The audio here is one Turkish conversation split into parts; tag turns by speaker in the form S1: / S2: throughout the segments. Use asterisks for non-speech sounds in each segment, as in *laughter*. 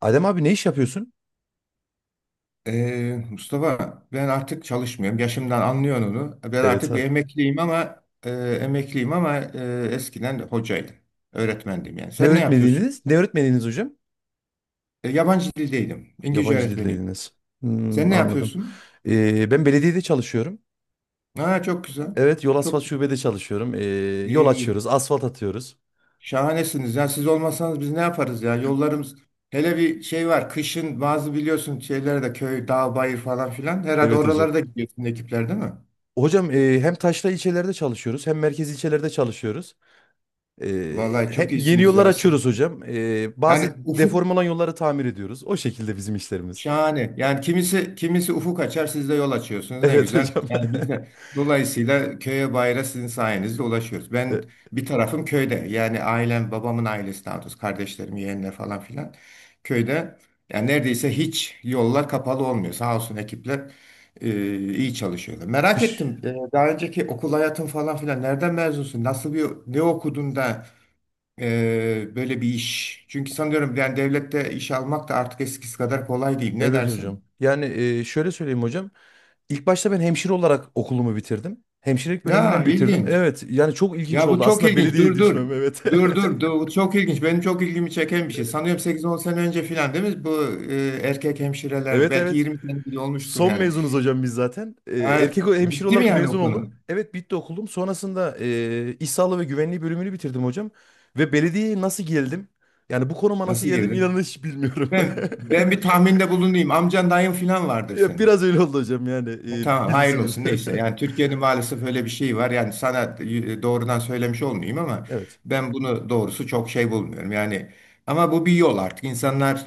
S1: Adem abi ne iş yapıyorsun?
S2: Mustafa ben artık çalışmıyorum. Yaşımdan anlıyorsun onu. Ben
S1: Evet,
S2: artık
S1: ha.
S2: bir emekliyim ama emekliyim ama eskiden hocaydım. Öğretmendim yani.
S1: Ne
S2: Sen ne yapıyorsun?
S1: öğretmeniydiniz? Ne öğretmeniydiniz hocam?
S2: Yabancı dildeydim. İngilizce
S1: Yabancı
S2: öğretmeniydim.
S1: dildeydiniz.
S2: Sen
S1: Hmm,
S2: ne
S1: anladım.
S2: yapıyorsun?
S1: Ben belediyede çalışıyorum.
S2: Ha, çok güzel.
S1: Evet, yol
S2: Çok
S1: asfalt şubede çalışıyorum. Yol açıyoruz,
S2: iyi.
S1: asfalt atıyoruz.
S2: Şahanesiniz. Ya siz olmasanız biz ne yaparız ya? Yollarımız hele bir şey var. Kışın bazı biliyorsun şeylerde köy, dağ, bayır falan filan. Herhalde
S1: Evet hocam.
S2: oralara da gidiyorsun ekipler değil mi?
S1: Hocam e, hem taşra ilçelerde çalışıyoruz hem merkez ilçelerde çalışıyoruz.
S2: Vallahi çok
S1: Hem yeni
S2: iyisiniz
S1: yollar
S2: ya siz.
S1: açıyoruz hocam. Bazı
S2: Yani ufuk.
S1: deform olan yolları tamir ediyoruz. O şekilde bizim işlerimiz.
S2: Şahane. Yani kimisi kimisi ufuk açar, siz de yol açıyorsunuz. Ne
S1: Evet
S2: güzel.
S1: hocam.
S2: Yani biz de
S1: *laughs*
S2: dolayısıyla köye bayra sizin sayenizde ulaşıyoruz.
S1: E,
S2: Ben bir tarafım köyde. Yani ailem, babamın ailesi daha doğrusu, kardeşlerim, yeğenler falan filan köyde. Yani neredeyse hiç yollar kapalı olmuyor. Sağ olsun ekipler e, iyi çalışıyorlar. Merak
S1: Kış.
S2: ettim. Daha önceki okul hayatın falan filan nereden mezunsun? Nasıl bir ne okudun da böyle bir iş. Çünkü sanıyorum yani devlette iş almak da artık eskisi kadar kolay değil. Ne
S1: Evet hocam.
S2: dersin?
S1: Yani şöyle söyleyeyim hocam. İlk başta ben hemşire olarak okulumu bitirdim. Hemşirelik
S2: Ya
S1: bölümünden bitirdim.
S2: ilginç.
S1: Evet, yani çok ilginç
S2: Ya bu
S1: oldu.
S2: çok
S1: Aslında
S2: ilginç.
S1: belediyeye
S2: Dur.
S1: düşmem, evet.
S2: Dur.
S1: *laughs*
S2: Bu çok ilginç. Benim çok ilgimi çeken bir şey. Sanıyorum sekiz on sene önce filan değil mi? Bu erkek hemşirelerdi.
S1: Evet,
S2: Belki
S1: evet.
S2: 20 sene bile olmuştur
S1: Son
S2: yani.
S1: mezunuz hocam biz zaten. Ee,
S2: Ha,
S1: erkek o- hemşire
S2: bitti mi
S1: olarak
S2: yani o
S1: mezun
S2: konu?
S1: oldum. Evet, bitti okulum. Sonrasında iş sağlığı ve güvenliği bölümünü bitirdim hocam. Ve belediyeye nasıl geldim? Yani bu konuma nasıl
S2: Nasıl
S1: geldim, inanın
S2: girdin?
S1: hiç bilmiyorum.
S2: Ben,
S1: *laughs*
S2: ben bir tahminde bulunayım. Amcan dayın filan vardır
S1: Ya
S2: senin.
S1: biraz öyle oldu hocam, yani
S2: Tamam hayırlı
S1: bilirsiniz.
S2: olsun neyse. Yani
S1: *laughs*
S2: Türkiye'nin maalesef öyle bir şeyi var. Yani sana doğrudan söylemiş olmayayım ama
S1: Evet.
S2: ben bunu doğrusu çok şey bulmuyorum. Yani ama bu bir yol artık. İnsanlar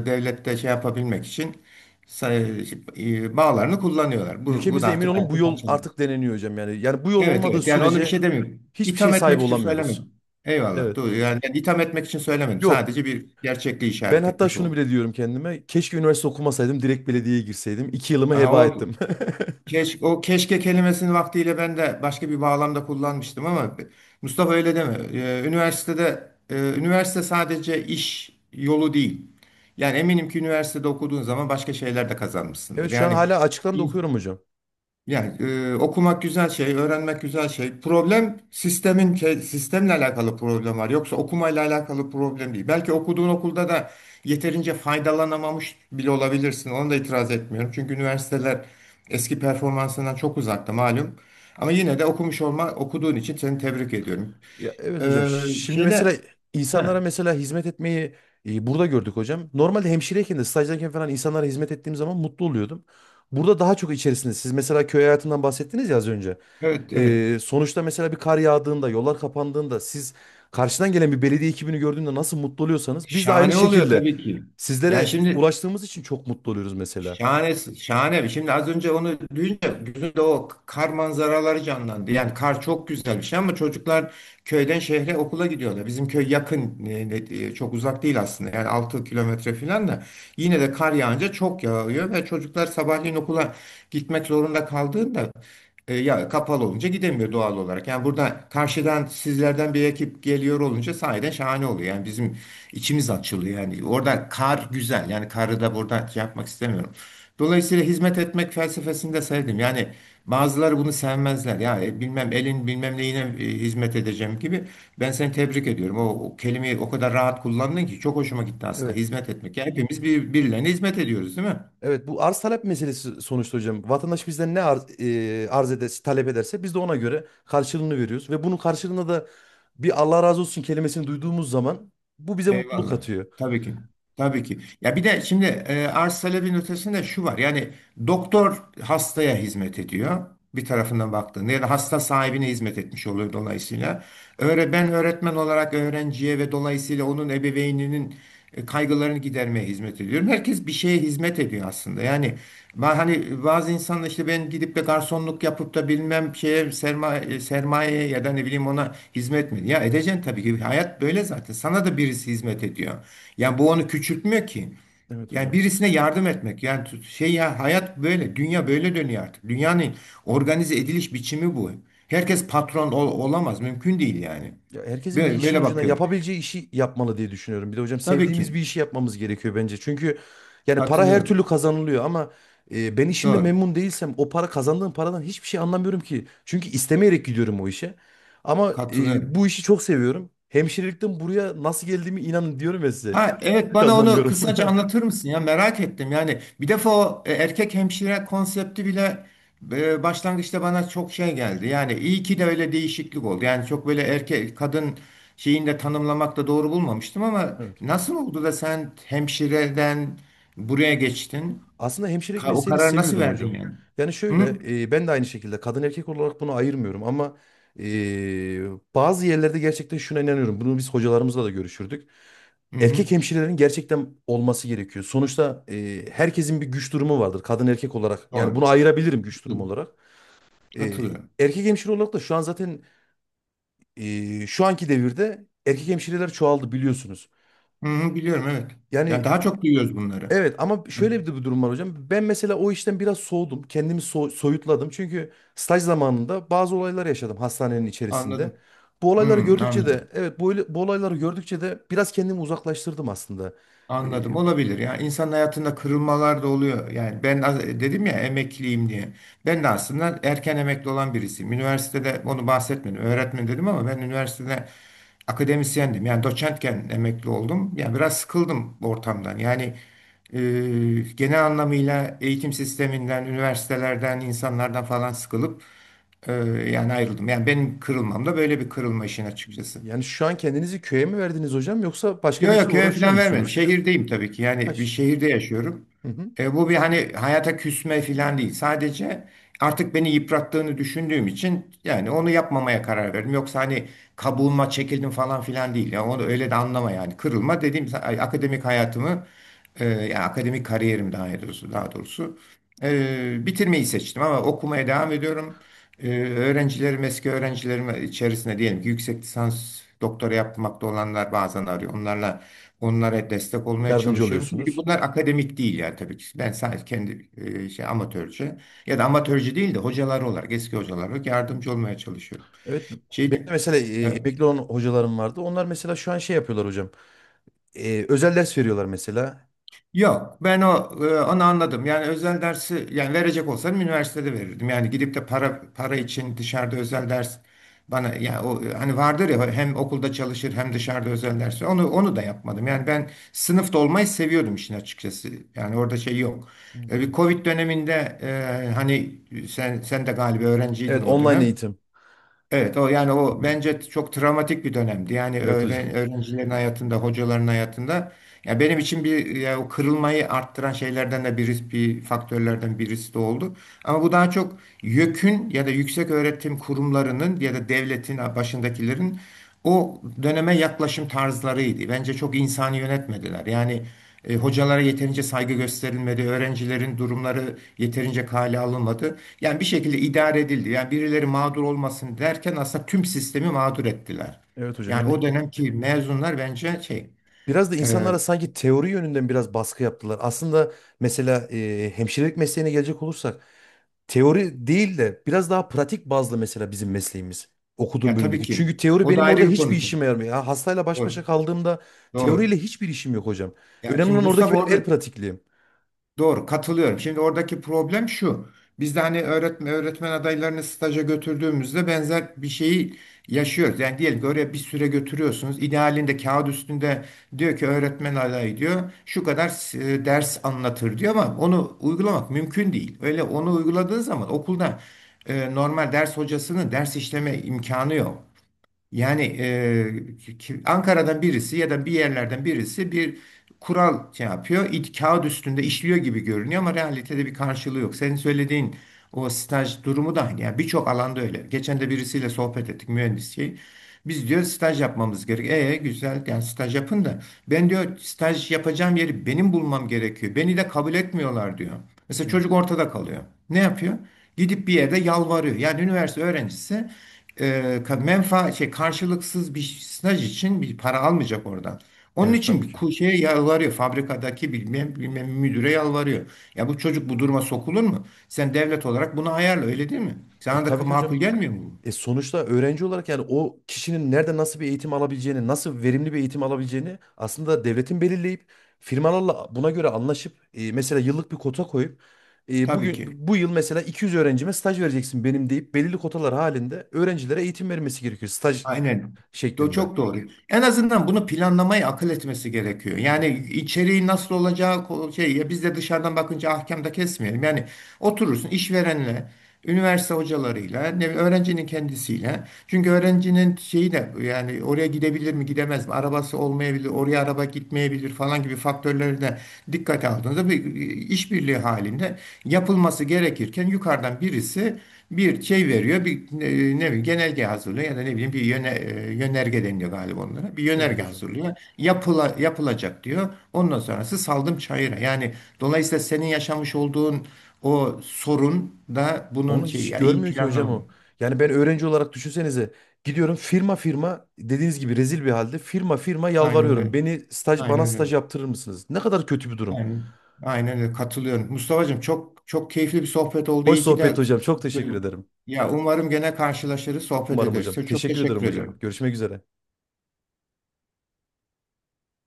S2: devlette şey yapabilmek için say- bağlarını kullanıyorlar. Bu da
S1: Ülkemizde emin
S2: artık
S1: olun bu
S2: hayatın
S1: yol artık
S2: kaçınılmazı.
S1: deneniyor hocam, yani. Yani bu yol
S2: Evet
S1: olmadığı
S2: evet yani onu bir şey
S1: sürece
S2: demiyorum.
S1: hiçbir şey
S2: İtham
S1: sahibi
S2: etmek için
S1: olamıyoruz.
S2: söylemedim. Eyvallah.
S1: Evet.
S2: Doğru. Yani itham etmek için söylemedim.
S1: Yok.
S2: Sadece bir gerçekliği
S1: Ben
S2: işaret
S1: hatta
S2: etmiş
S1: şunu
S2: oldum.
S1: bile diyorum kendime: keşke üniversite okumasaydım, direkt belediyeye girseydim. İki yılımı
S2: Aha,
S1: heba
S2: o
S1: ettim. *laughs*
S2: keş, o keşke kelimesini vaktiyle ben de başka bir bağlamda kullanmıştım ama Mustafa öyle deme. Üniversitede üniversite sadece iş yolu değil. Yani eminim ki üniversitede okuduğun zaman başka şeyler de kazanmışsındır.
S1: Evet, şu an
S2: Yani
S1: hala açıktan da okuyorum hocam.
S2: yani okumak güzel şey, öğrenmek güzel şey. Problem sistemin sistemle alakalı problem var. Yoksa okumayla alakalı problem değil. Belki okuduğun okulda da yeterince faydalanamamış bile olabilirsin. Ona da itiraz etmiyorum. Çünkü üniversiteler eski performansından çok uzakta malum. Ama yine de okumuş olma, okuduğun için seni tebrik ediyorum.
S1: Ya evet hocam.
S2: Ee,
S1: Şimdi mesela
S2: şeyle,
S1: insanlara
S2: ha,
S1: mesela hizmet etmeyi burada gördük hocam. Normalde hemşireyken de stajdayken falan insanlara hizmet ettiğim zaman mutlu oluyordum. Burada daha çok içerisinde. Siz mesela köy hayatından bahsettiniz ya az önce.
S2: evet evet.
S1: Sonuçta mesela bir kar yağdığında, yollar kapandığında siz karşıdan gelen bir belediye ekibini gördüğünde nasıl mutlu oluyorsanız biz de aynı
S2: Şahane oluyor
S1: şekilde
S2: tabii ki. Yani
S1: sizlere
S2: şimdi
S1: ulaştığımız için çok mutlu oluyoruz mesela.
S2: şahane, şahane. Şimdi az önce onu duyunca gözümde o kar manzaraları canlandı. Yani kar çok güzel bir şey ama çocuklar köyden şehre okula gidiyorlar. Bizim köy yakın, çok uzak değil aslında. Yani 6 kilometre falan da yine de kar yağınca çok yağıyor ve çocuklar sabahleyin okula gitmek zorunda kaldığında ya kapalı olunca gidemiyor doğal olarak. Yani burada karşıdan sizlerden bir ekip geliyor olunca sahiden şahane oluyor. Yani bizim içimiz açılıyor. Yani orada kar güzel. Yani karı da burada şey yapmak istemiyorum. Dolayısıyla hizmet etmek felsefesini de sevdim. Yani bazıları bunu sevmezler. Ya bilmem elin bilmem neyine hizmet edeceğim gibi. Ben seni tebrik ediyorum. O kelimeyi o kadar rahat kullandın ki çok hoşuma gitti aslında.
S1: Evet.
S2: Hizmet etmek. Yani hepimiz birilerine hizmet ediyoruz, değil mi?
S1: Evet, bu arz talep meselesi sonuçta hocam. Vatandaş bizden ne arz, arz ederse, talep ederse biz de ona göre karşılığını veriyoruz. Ve bunun karşılığında da bir Allah razı olsun kelimesini duyduğumuz zaman bu bize mutluluk
S2: Eyvallah.
S1: katıyor.
S2: Tabii ki. Tabii ki. Ya bir de şimdi arz talebin ötesinde şu var. Yani doktor hastaya hizmet ediyor. Bir tarafından baktığında ya da hasta sahibine hizmet etmiş oluyor dolayısıyla. Ben öğretmen olarak öğrenciye ve dolayısıyla onun ebeveyninin kaygılarını gidermeye hizmet ediyorum. Herkes bir şeye hizmet ediyor aslında. Yani hani bazı insanlar işte ben gidip de garsonluk yapıp da bilmem şeye sermaye ya da ne bileyim ona hizmet mi? Ya edeceksin tabii ki. Hayat böyle zaten. Sana da birisi hizmet ediyor. Yani bu onu küçültmüyor ki.
S1: Evet
S2: Yani
S1: hocam.
S2: birisine yardım etmek yani şey ya hayat böyle dünya böyle dönüyor artık. Dünyanın organize ediliş biçimi bu. Herkes olamaz mümkün değil yani.
S1: Ya herkesin bir
S2: Böyle,
S1: işin
S2: böyle
S1: ucuna
S2: bakıyorum.
S1: yapabileceği işi yapmalı diye düşünüyorum. Bir de hocam
S2: Tabii
S1: sevdiğimiz
S2: ki
S1: bir işi yapmamız gerekiyor bence. Çünkü yani para her türlü
S2: katılıyorum.
S1: kazanılıyor ama ben işimde
S2: Doğru.
S1: memnun değilsem o para kazandığım paradan hiçbir şey anlamıyorum ki. Çünkü istemeyerek gidiyorum o işe. Ama
S2: Katılıyorum.
S1: bu işi çok seviyorum. Hemşirelikten buraya nasıl geldiğimi inanın diyorum ya size.
S2: Ha evet
S1: Hiç
S2: bana onu
S1: anlamıyorum.
S2: kısaca
S1: *laughs*
S2: anlatır mısın ya merak ettim yani bir defa o erkek hemşire konsepti bile başlangıçta bana çok şey geldi yani iyi ki de öyle değişiklik oldu yani çok böyle erkek kadın şeyini de tanımlamak da doğru bulmamıştım ama
S1: Evet.
S2: nasıl oldu da sen hemşireden buraya geçtin.
S1: Aslında hemşirelik
S2: O
S1: mesleğini
S2: kararı nasıl
S1: seviyordum
S2: verdin
S1: hocam.
S2: yani?
S1: Yani şöyle
S2: Hı?
S1: ben de aynı şekilde kadın erkek olarak bunu ayırmıyorum ama e, bazı yerlerde gerçekten şuna inanıyorum. Bunu biz hocalarımızla da görüşürdük.
S2: Hı hı.
S1: Erkek hemşirelerin gerçekten olması gerekiyor. Sonuçta herkesin bir güç durumu vardır kadın erkek olarak. Yani
S2: Doğru.
S1: bunu ayırabilirim güç durumu olarak. E,
S2: Katılıyorum.
S1: Erkek hemşire olarak da şu an zaten şu anki devirde erkek hemşireler çoğaldı biliyorsunuz.
S2: Hı hı, biliyorum evet. Yani
S1: Yani
S2: daha çok duyuyoruz bunları.
S1: evet, ama şöyle bir de bir durum var hocam. Ben mesela o işten biraz soğudum. Kendimi soyutladım. Çünkü staj zamanında bazı olaylar yaşadım hastanenin içerisinde.
S2: Anladım.
S1: Bu
S2: Hı,
S1: olayları gördükçe
S2: anladım.
S1: de evet, bu olayları gördükçe de biraz kendimi uzaklaştırdım aslında. Ee,
S2: Anladım. Olabilir. Yani insan hayatında kırılmalar da oluyor. Yani ben dedim ya emekliyim diye. Ben de aslında erken emekli olan birisiyim. Üniversitede onu bahsetmedim. Öğretmen dedim ama ben üniversitede akademisyendim. Yani doçentken emekli oldum. Yani biraz sıkıldım ortamdan. Yani e, genel anlamıyla eğitim sisteminden, üniversitelerden, insanlardan falan sıkılıp e, yani ayrıldım. Yani benim kırılmam da böyle bir kırılma işin açıkçası.
S1: Yani şu an kendinizi köye mi verdiniz hocam, yoksa başka bir
S2: Yok yok
S1: işle
S2: köye
S1: uğraşıyor
S2: falan vermedim.
S1: musunuz?
S2: Şehirdeyim tabii ki. Yani bir
S1: Aş.
S2: şehirde yaşıyorum.
S1: Hı hı.
S2: E, bu bir hani hayata küsme falan değil. Sadece artık beni yıprattığını düşündüğüm için yani onu yapmamaya karar verdim. Yoksa hani kabuğuma çekildim falan filan değil. Yani onu öyle de anlama yani. Kırılma dediğim akademik hayatımı yani akademik kariyerim daha doğrusu bitirmeyi seçtim ama okumaya devam ediyorum. Öğrencilerim, eski öğrencilerim içerisinde diyelim ki yüksek lisans doktora yapmakta olanlar bazen arıyor. Onlara destek olmaya
S1: Yardımcı
S2: çalışıyorum. Tabii ki
S1: oluyorsunuz.
S2: bunlar akademik değil yani tabii ki. Ben sadece kendi şey amatörce ya da amatörce değil de hocalar olarak, eski hocalar olarak yardımcı olmaya çalışıyorum.
S1: Evet, benim de
S2: Şeydi,
S1: mesela emekli olan hocalarım vardı. Onlar mesela şu an şey yapıyorlar hocam. Özel ders veriyorlar mesela.
S2: Yok, ben o onu anladım. Yani özel dersi yani verecek olsam üniversitede verirdim. Yani gidip de para için dışarıda özel ders bana yani o hani vardır ya hem okulda çalışır hem dışarıda özel ders. Onu da yapmadım. Yani ben sınıfta olmayı seviyordum işin açıkçası. Yani orada şey yok.
S1: Evet
S2: E, bir
S1: hocam.
S2: Covid döneminde hani sen de galiba öğrenciydin
S1: Evet,
S2: o
S1: online
S2: dönem.
S1: eğitim.
S2: Evet, o yani o bence çok travmatik bir dönemdi. Yani
S1: Evet hocam.
S2: öğrencilerin hayatında, hocaların hayatında. Ya benim için bir ya o kırılmayı arttıran şeylerden de birisi, bir faktörlerden birisi de oldu. Ama bu daha çok YÖK'ün ya da yüksek öğretim kurumlarının ya da devletin başındakilerin o döneme yaklaşım tarzlarıydı. Bence çok insani yönetmediler. Yani hocalara yeterince saygı gösterilmedi, öğrencilerin durumları yeterince kale alınmadı. Yani bir şekilde idare edildi. Yani birileri mağdur olmasın derken aslında tüm sistemi mağdur ettiler.
S1: Evet hocam,
S2: Yani
S1: yani
S2: o dönemki mezunlar bence şey,
S1: biraz da
S2: e,
S1: insanlara sanki teori yönünden biraz baskı yaptılar. Aslında mesela hemşirelik mesleğine gelecek olursak teori değil de biraz daha pratik bazlı mesela bizim mesleğimiz. Okuduğum
S2: ya tabii
S1: bölümdeki.
S2: ki
S1: Çünkü teori
S2: o da
S1: benim orada
S2: ayrı bir
S1: hiçbir
S2: konu. Tabii.
S1: işime yaramıyor. Ya hastayla baş başa
S2: Doğru,
S1: kaldığımda teoriyle
S2: doğru.
S1: hiçbir işim yok hocam.
S2: Ya
S1: Önemli
S2: şimdi
S1: olan oradaki
S2: Mustafa
S1: benim el
S2: orada
S1: pratikliğim.
S2: doğru katılıyorum. Şimdi oradaki problem şu. Biz de hani öğretmen adaylarını staja götürdüğümüzde benzer bir şeyi yaşıyoruz. Yani diyelim ki oraya bir süre götürüyorsunuz. İdealinde kağıt üstünde diyor ki öğretmen adayı diyor. Şu kadar ders anlatır diyor ama onu uygulamak mümkün değil. Öyle onu uyguladığın zaman okulda normal ders hocasının ders işleme imkanı yok. Yani Ankara'dan birisi ya da bir yerlerden birisi bir kural şey yapıyor. İt, kağıt üstünde işliyor gibi görünüyor ama realitede bir karşılığı yok. Senin söylediğin o staj durumu da yani birçok alanda öyle. Geçen de birisiyle sohbet ettik mühendis şey. Biz diyor staj yapmamız gerekiyor. E güzel yani staj yapın da ben diyor staj yapacağım yeri benim bulmam gerekiyor. Beni de kabul etmiyorlar diyor. Mesela
S1: Hı.
S2: çocuk ortada kalıyor. Ne yapıyor? Gidip bir yerde yalvarıyor. Yani üniversite öğrencisi e, ka- menfa şey karşılıksız bir staj için bir para almayacak oradan. Onun
S1: Evet,
S2: için
S1: tabii
S2: bir
S1: ki.
S2: şeye yalvarıyor. Fabrikadaki bilmem müdüre yalvarıyor. Ya bu çocuk bu duruma sokulur mu? Sen devlet olarak bunu ayarla öyle değil mi? Sana da
S1: Tabii ki hocam.
S2: makul gelmiyor mu bu?
S1: E sonuçta öğrenci olarak yani o kişinin nerede nasıl bir eğitim alabileceğini, nasıl verimli bir eğitim alabileceğini aslında devletin belirleyip firmalarla buna göre anlaşıp mesela yıllık bir kota koyup
S2: Tabii
S1: bugün
S2: ki.
S1: bu yıl mesela 200 öğrencime staj vereceksin benim deyip belirli kotalar halinde öğrencilere eğitim vermesi gerekiyor staj
S2: Aynen.
S1: şeklinde.
S2: Çok doğru. En azından bunu planlamayı akıl etmesi gerekiyor.
S1: Evet.
S2: Yani içeriği nasıl olacağı şey ya biz de dışarıdan bakınca ahkam da kesmeyelim. Yani oturursun işverenle üniversite hocalarıyla, öğrencinin kendisiyle. Çünkü öğrencinin şeyi de yani oraya gidebilir mi, gidemez mi? Arabası olmayabilir, oraya araba gitmeyebilir falan gibi faktörleri de dikkate aldığınızda bir işbirliği halinde yapılması gerekirken yukarıdan birisi bir şey veriyor, bir ne bileyim genelge hazırlıyor ya da ne bileyim bir yönerge deniliyor galiba onlara. Bir
S1: Evet
S2: yönerge
S1: hocam.
S2: hazırlıyor. Yapılacak diyor. Ondan sonrası saldım çayıra. Yani dolayısıyla senin yaşamış olduğun o sorun da bunun
S1: Onu
S2: şey
S1: hiç
S2: ya iyi
S1: görmüyor ki hocam
S2: planlama.
S1: o. Yani ben öğrenci olarak düşünsenize, gidiyorum firma firma dediğiniz gibi, rezil bir halde firma firma
S2: Aynen
S1: yalvarıyorum.
S2: öyle.
S1: Beni staj, bana
S2: Aynen
S1: staj
S2: öyle.
S1: yaptırır mısınız? Ne kadar kötü bir durum.
S2: Yani aynen öyle katılıyorum. Mustafa'cığım çok çok keyifli bir sohbet oldu.
S1: Hoş
S2: İyi ki
S1: sohbet
S2: de
S1: hocam. Çok teşekkür ederim.
S2: ya umarım gene karşılaşırız, sohbet
S1: Umarım hocam.
S2: ederiz. Çok
S1: Teşekkür
S2: teşekkür
S1: ederim hocam.
S2: ediyorum.
S1: Görüşmek üzere.